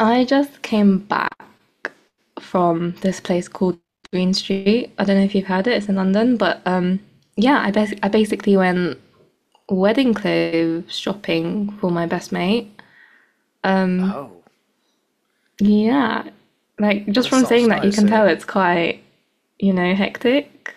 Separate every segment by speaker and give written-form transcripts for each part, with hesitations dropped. Speaker 1: I just came back from this place called Green Street. I don't know if you've heard it, it's in London, but yeah, I basically went wedding clothes shopping for my best mate. Um
Speaker 2: Oh,
Speaker 1: yeah, like just
Speaker 2: that
Speaker 1: from saying
Speaker 2: sounds
Speaker 1: that you
Speaker 2: nice.
Speaker 1: can
Speaker 2: So,
Speaker 1: tell it's quite, hectic.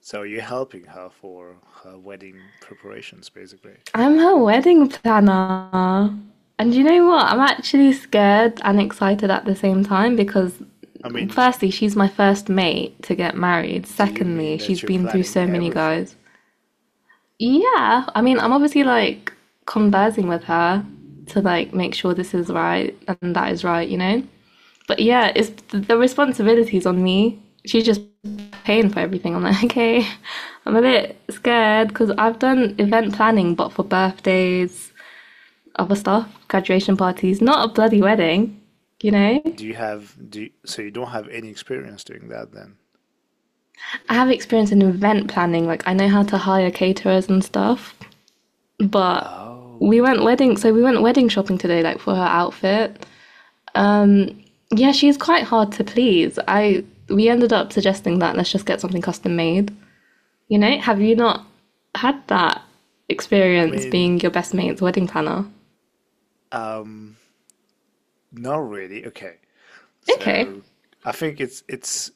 Speaker 2: you're helping her for her wedding preparations, basically.
Speaker 1: I'm her wedding planner. And you know what? I'm actually scared and excited at the same time because,
Speaker 2: I mean,
Speaker 1: firstly, she's my first mate to get married.
Speaker 2: do you mean
Speaker 1: Secondly, she's
Speaker 2: that you're
Speaker 1: been through
Speaker 2: planning
Speaker 1: so many guys.
Speaker 2: everything?
Speaker 1: Yeah, I mean, I'm obviously like conversing with her to like make sure this is right and that is right, you know? But yeah, it's the responsibility's on me. She's just paying for everything. I'm like, okay, I'm a bit scared because I've done event planning, but for birthdays, other stuff, graduation parties, not a bloody wedding, you know?
Speaker 2: Do you have do you, So you don't have any experience doing that then?
Speaker 1: I have experience in event planning, like I know how to hire caterers and stuff. But
Speaker 2: Oh,
Speaker 1: we went wedding shopping today, like for her outfit. Um, yeah, she's quite hard to please. I We ended up suggesting that let's just get something custom made. You know, have you not had that
Speaker 2: I
Speaker 1: experience
Speaker 2: mean,
Speaker 1: being your best mate's wedding planner?
Speaker 2: um, not really. Okay.
Speaker 1: Okay.
Speaker 2: So, I think it's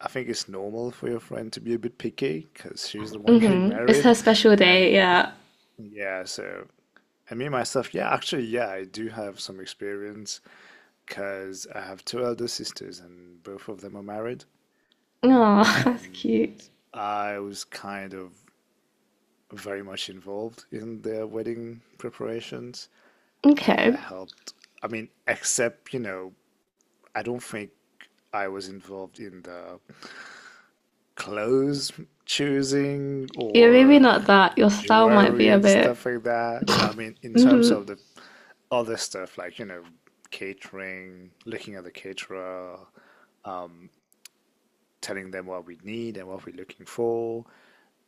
Speaker 2: I think it's normal for your friend to be a bit picky because she's the one getting
Speaker 1: Mm-hmm. It's her
Speaker 2: married,
Speaker 1: special day,
Speaker 2: and
Speaker 1: yeah.
Speaker 2: yeah, so. I mean myself, yeah, actually, yeah, I do have some experience because I have two elder sisters and both of them are married.
Speaker 1: Oh, that's
Speaker 2: And
Speaker 1: cute.
Speaker 2: I was kind of very much involved in their wedding preparations. And I
Speaker 1: Okay.
Speaker 2: helped, I mean, except, you know, I don't think I was involved in the clothes choosing
Speaker 1: Yeah, maybe
Speaker 2: or
Speaker 1: not that. Your style might be
Speaker 2: jewelry
Speaker 1: a
Speaker 2: and
Speaker 1: bit.
Speaker 2: stuff like that. But I mean, in terms of the other stuff, like, you know, catering, looking at the caterer, um, telling them what we need and what we're looking for.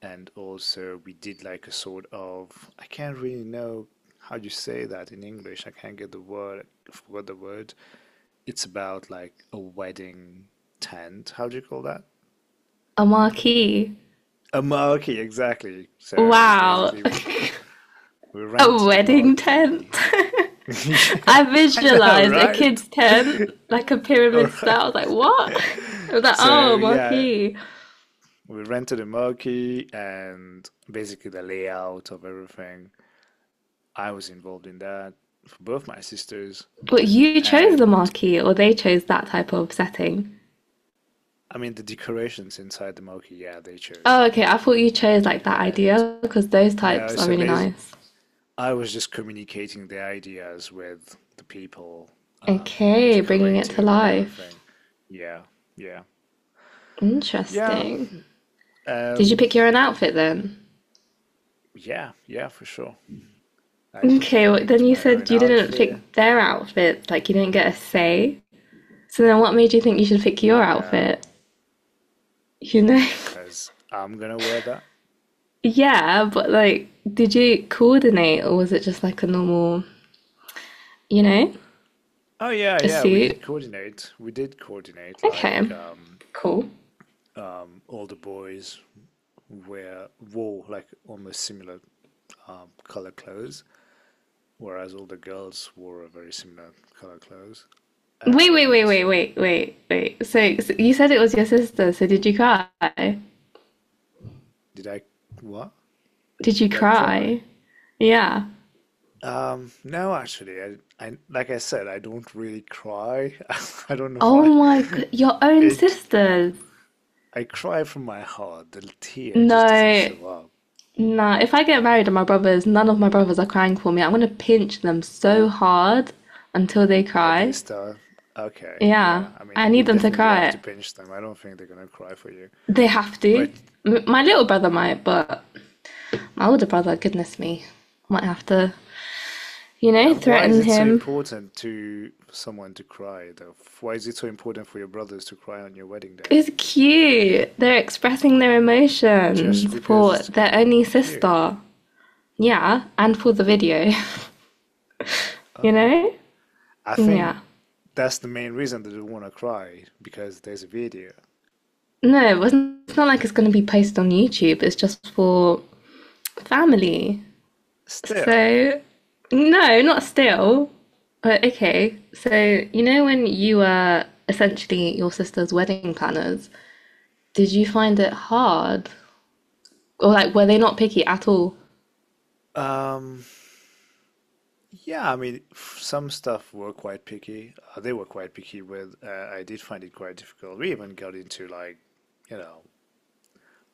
Speaker 2: And also, we did like a sort of, I can't really know how you say that in English. I can't get the word, I forgot the word. It's about like a wedding tent. How do you call that?
Speaker 1: A marquee.
Speaker 2: A marquee, exactly. So
Speaker 1: Wow.
Speaker 2: basically, we
Speaker 1: A
Speaker 2: rented the
Speaker 1: wedding tent?
Speaker 2: marquee. Yeah,
Speaker 1: I
Speaker 2: I know,
Speaker 1: visualized a
Speaker 2: right?
Speaker 1: kid's tent, like a
Speaker 2: All
Speaker 1: pyramid style. I was like, what?
Speaker 2: right.
Speaker 1: I was like,
Speaker 2: So
Speaker 1: oh,
Speaker 2: yeah,
Speaker 1: marquee.
Speaker 2: we rented a monkey and basically the layout of everything. I was involved in that for both my sisters.
Speaker 1: But you chose the
Speaker 2: And
Speaker 1: marquee, or they chose that type of setting.
Speaker 2: I mean, the decorations inside the monkey, yeah, they
Speaker 1: Oh,
Speaker 2: chose.
Speaker 1: okay. I thought you chose like that
Speaker 2: And
Speaker 1: idea because those
Speaker 2: no,
Speaker 1: types are
Speaker 2: so
Speaker 1: really
Speaker 2: basically
Speaker 1: nice.
Speaker 2: I was just communicating the ideas with the people, um,
Speaker 1: Okay, bringing it to
Speaker 2: decorating and
Speaker 1: life.
Speaker 2: everything. Yeah, yeah. Yeah,
Speaker 1: Interesting. Did you
Speaker 2: um,
Speaker 1: pick your own outfit then?
Speaker 2: yeah, yeah, for sure. I
Speaker 1: Okay, well, then
Speaker 2: picked
Speaker 1: you
Speaker 2: my
Speaker 1: said
Speaker 2: own
Speaker 1: you didn't
Speaker 2: outfit.
Speaker 1: pick their outfit, like you didn't get a say. So then what made you think you should pick your outfit?
Speaker 2: No,
Speaker 1: You know,
Speaker 2: because I'm gonna wear that.
Speaker 1: yeah, but like, did you coordinate or was it just like a normal, you know,
Speaker 2: Oh yeah,
Speaker 1: a
Speaker 2: yeah, we
Speaker 1: suit?
Speaker 2: did coordinate. We did coordinate
Speaker 1: Okay,
Speaker 2: like um
Speaker 1: cool.
Speaker 2: um all the boys wear wore like almost similar color clothes, whereas all the girls wore a very similar color clothes.
Speaker 1: Wait, wait,
Speaker 2: And
Speaker 1: wait, wait, wait, wait, wait. So you said it was your sister, so did you cry?
Speaker 2: did I what?
Speaker 1: Did you
Speaker 2: Did I cry?
Speaker 1: cry? Yeah.
Speaker 2: No, actually. I like I said, I don't really cry. I don't know
Speaker 1: Oh
Speaker 2: why.
Speaker 1: my god, your own
Speaker 2: It
Speaker 1: sisters.
Speaker 2: I cry from my heart. The tear just doesn't
Speaker 1: No,
Speaker 2: show up.
Speaker 1: no. If I get married and my brothers, none of my brothers are crying for me. I'm gonna pinch them so hard until they
Speaker 2: That they
Speaker 1: cry.
Speaker 2: start. Okay,
Speaker 1: Yeah,
Speaker 2: yeah. I mean,
Speaker 1: I need
Speaker 2: you'll
Speaker 1: them to
Speaker 2: definitely have to
Speaker 1: cry.
Speaker 2: pinch them. I don't think they're gonna cry for you.
Speaker 1: They have to.
Speaker 2: But
Speaker 1: My little brother might, but my older brother, goodness me, might have to, you
Speaker 2: yeah,
Speaker 1: know,
Speaker 2: why is
Speaker 1: threaten
Speaker 2: it so
Speaker 1: him.
Speaker 2: important to for someone to cry though? Why is it so important for your brothers to cry on your wedding day?
Speaker 1: It's cute. They're expressing their
Speaker 2: Just
Speaker 1: emotions
Speaker 2: because
Speaker 1: for
Speaker 2: it's
Speaker 1: their only
Speaker 2: cute.
Speaker 1: sister. Yeah, and for the video, you
Speaker 2: Okay.
Speaker 1: know?
Speaker 2: I think
Speaker 1: Yeah.
Speaker 2: that's the main reason that they wanna cry, because there's a video.
Speaker 1: No, it wasn't, it's not like it's going to be posted on YouTube. It's just for family.
Speaker 2: Still,
Speaker 1: So, no, not still. But okay. So, you know, when you were essentially your sister's wedding planners, did you find it hard? Or, like, were they not picky at all?
Speaker 2: um, yeah, I mean, some stuff were quite picky. They were quite picky with. I did find it quite difficult. We even got into like, you know,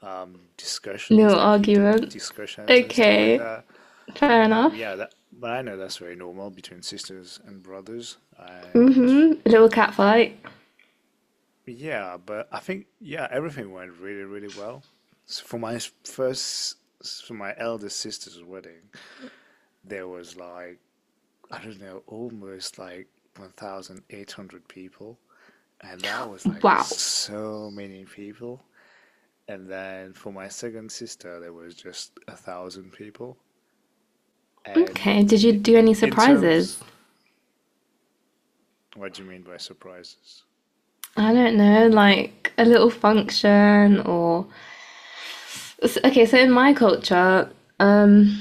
Speaker 1: No
Speaker 2: discussions, like heated
Speaker 1: argument.
Speaker 2: discussions and stuff like
Speaker 1: Okay.
Speaker 2: that.
Speaker 1: Fair enough.
Speaker 2: Yeah, that, but I know that's very normal between sisters and brothers. And
Speaker 1: Hmm. Little cat fight.
Speaker 2: yeah, but I think yeah, everything went really, really well. So for my s- first, s- for my eldest sister's wedding, there was like I don't know, almost like 1,800 people. And that was like
Speaker 1: Wow.
Speaker 2: so many people. And then for my second sister, there was just a thousand people.
Speaker 1: Okay.
Speaker 2: And
Speaker 1: Did you
Speaker 2: it,
Speaker 1: do any
Speaker 2: in terms,
Speaker 1: surprises?
Speaker 2: What do you mean by surprises?
Speaker 1: I don't know, like a little function or. Okay, so in my culture, um,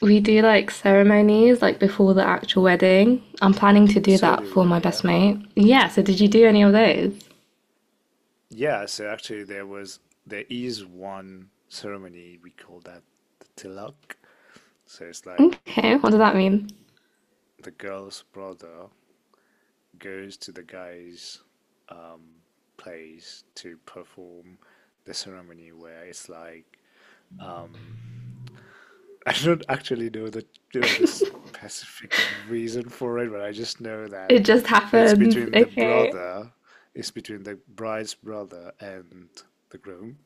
Speaker 1: we do like ceremonies like before the actual wedding. I'm planning to do
Speaker 2: So
Speaker 1: that
Speaker 2: do
Speaker 1: for my
Speaker 2: we, yeah.
Speaker 1: best mate. Yeah, so did you do any of those?
Speaker 2: Yeah, so actually there was there is one ceremony we call that the tilak. So it's like
Speaker 1: Okay, what
Speaker 2: the
Speaker 1: does that mean?
Speaker 2: the girl's brother goes to the guy's um, place to perform the ceremony where it's like um, I don't actually know the you know the specific reason for it, but I just know that
Speaker 1: It just
Speaker 2: it's
Speaker 1: happens.
Speaker 2: between the
Speaker 1: Okay.
Speaker 2: brother, it's between the bride's brother and the groom,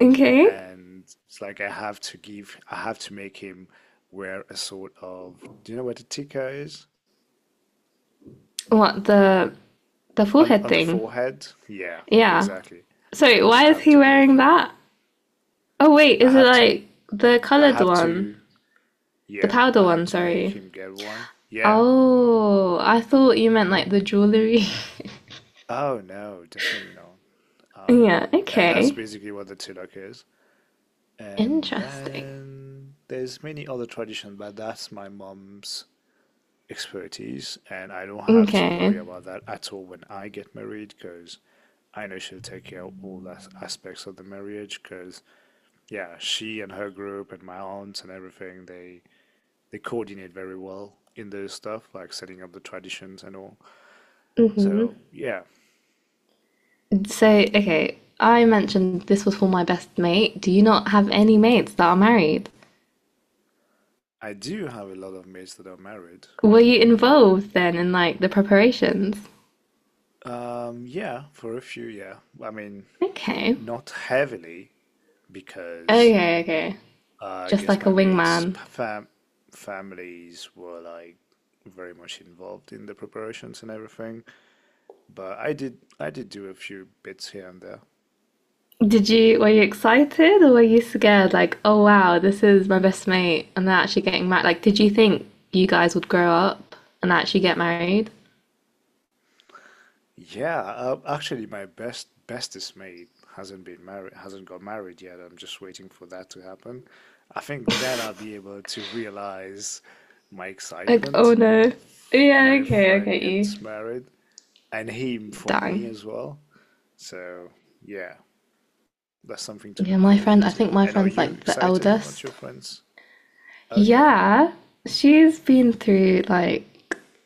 Speaker 1: Okay.
Speaker 2: and it's like I have to make him wear a sort of, do you know what a tika is?
Speaker 1: What, the forehead
Speaker 2: On the
Speaker 1: thing?
Speaker 2: forehead? Yeah,
Speaker 1: Yeah.
Speaker 2: exactly.
Speaker 1: Sorry,
Speaker 2: Just
Speaker 1: why is
Speaker 2: have
Speaker 1: he
Speaker 2: to make
Speaker 1: wearing
Speaker 2: him.
Speaker 1: that? Oh wait,
Speaker 2: I
Speaker 1: is it
Speaker 2: have to.
Speaker 1: like the
Speaker 2: I
Speaker 1: colored
Speaker 2: have
Speaker 1: one?
Speaker 2: to.
Speaker 1: The
Speaker 2: Yeah,
Speaker 1: powder
Speaker 2: I have
Speaker 1: one,
Speaker 2: to make
Speaker 1: sorry.
Speaker 2: him get one. Yeah.
Speaker 1: Oh, I thought you meant like the jewelry.
Speaker 2: Oh no, definitely not. Um,
Speaker 1: Yeah,
Speaker 2: and that's
Speaker 1: okay.
Speaker 2: basically what the tilak is. And
Speaker 1: Interesting.
Speaker 2: then there's many other traditions, but that's my mom's expertise, and I don't have to worry
Speaker 1: Okay.
Speaker 2: about that at all when I get married because I know she'll take care of all the aspects of the marriage. Because yeah, she and her group and my aunts and everything, they coordinate very well in those stuff, like setting up the traditions and all.
Speaker 1: Hmm.
Speaker 2: So yeah,
Speaker 1: So, okay, I mentioned this was for my best mate. Do you not have any mates that are married?
Speaker 2: I do have a lot of mates that are married.
Speaker 1: Were you
Speaker 2: Yeah.
Speaker 1: involved then in like the preparations?
Speaker 2: Yeah, for a few, yeah. I mean,
Speaker 1: Okay.
Speaker 2: not heavily because
Speaker 1: Okay, okay.
Speaker 2: I
Speaker 1: Just
Speaker 2: guess
Speaker 1: like a
Speaker 2: my mates'
Speaker 1: wingman.
Speaker 2: fam families were like very much involved in the preparations and everything. But I did do a few bits here and there.
Speaker 1: Were you excited or were you scared? Like, oh wow, this is my best mate and they're actually getting married. Like, did you think you guys would grow up and actually get married?
Speaker 2: Yeah, actually, my bestest mate hasn't got married yet. I'm just waiting for that to happen. I think then I'll be able to realize my
Speaker 1: Like, oh
Speaker 2: excitement
Speaker 1: no.
Speaker 2: when
Speaker 1: Yeah,
Speaker 2: a
Speaker 1: okay, I
Speaker 2: friend
Speaker 1: get you.
Speaker 2: gets married, and him for me
Speaker 1: Dang.
Speaker 2: as well. So yeah, that's something to
Speaker 1: Yeah,
Speaker 2: look
Speaker 1: my friend,
Speaker 2: forward
Speaker 1: I
Speaker 2: to.
Speaker 1: think my
Speaker 2: And are
Speaker 1: friend's
Speaker 2: you
Speaker 1: like the
Speaker 2: excited about
Speaker 1: eldest.
Speaker 2: your friends? Okay,
Speaker 1: Yeah, she's been through like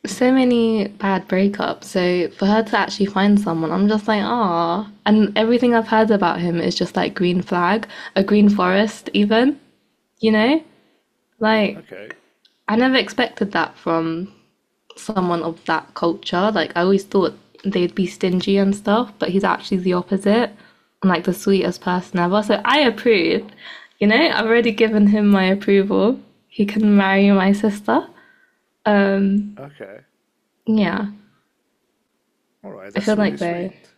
Speaker 1: so many bad breakups. So for her to actually find someone, I'm just like, ah. And everything I've heard about him is just like green flag, a green forest even, you know? Like
Speaker 2: okay,
Speaker 1: I never expected that from someone of that culture. Like I always thought they'd be stingy and stuff, but he's actually the opposite and like the sweetest person ever. So I approve. You know, I've already given him my approval. He can marry my sister. Um,
Speaker 2: okay.
Speaker 1: yeah,
Speaker 2: All right,
Speaker 1: I
Speaker 2: that's
Speaker 1: feel
Speaker 2: really
Speaker 1: like though.
Speaker 2: sweet.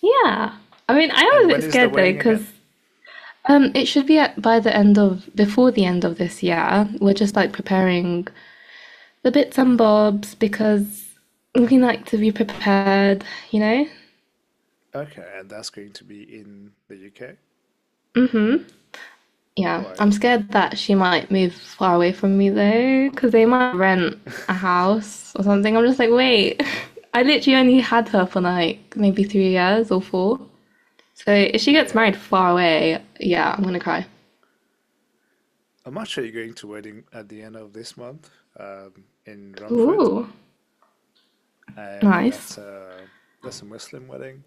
Speaker 1: Yeah, I mean, I am
Speaker 2: And
Speaker 1: a bit
Speaker 2: when is the
Speaker 1: scared though
Speaker 2: wedding again?
Speaker 1: because it should be by the end of before the end of this year. We're just like preparing the bits and bobs because we like to be prepared. You know.
Speaker 2: Okay, and that's going to be in the UK.
Speaker 1: Hmm?
Speaker 2: All
Speaker 1: Yeah,
Speaker 2: right.
Speaker 1: I'm scared that she might move far away from me though, because they might rent a house or something. I'm just like, wait, I literally only had her for like maybe 3 years or four. So if she gets married
Speaker 2: Yeah.
Speaker 1: far away, yeah, I'm gonna cry.
Speaker 2: I'm actually going to wedding at the end of this month, in Romford,
Speaker 1: Ooh,
Speaker 2: and
Speaker 1: nice.
Speaker 2: that's a Muslim wedding.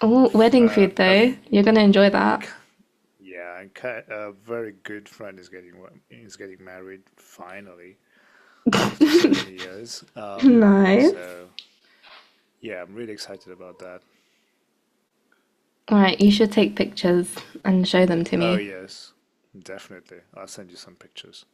Speaker 1: Oh,
Speaker 2: F-
Speaker 1: wedding food
Speaker 2: A,
Speaker 1: though.
Speaker 2: v-
Speaker 1: You're gonna enjoy
Speaker 2: a
Speaker 1: that.
Speaker 2: k- Yeah, and a very good friend is getting married finally after so many years.
Speaker 1: Nice.
Speaker 2: So yeah, I'm really excited about that.
Speaker 1: All right, you should take pictures and show them to
Speaker 2: Oh
Speaker 1: me.
Speaker 2: yes, definitely. I'll send you some pictures.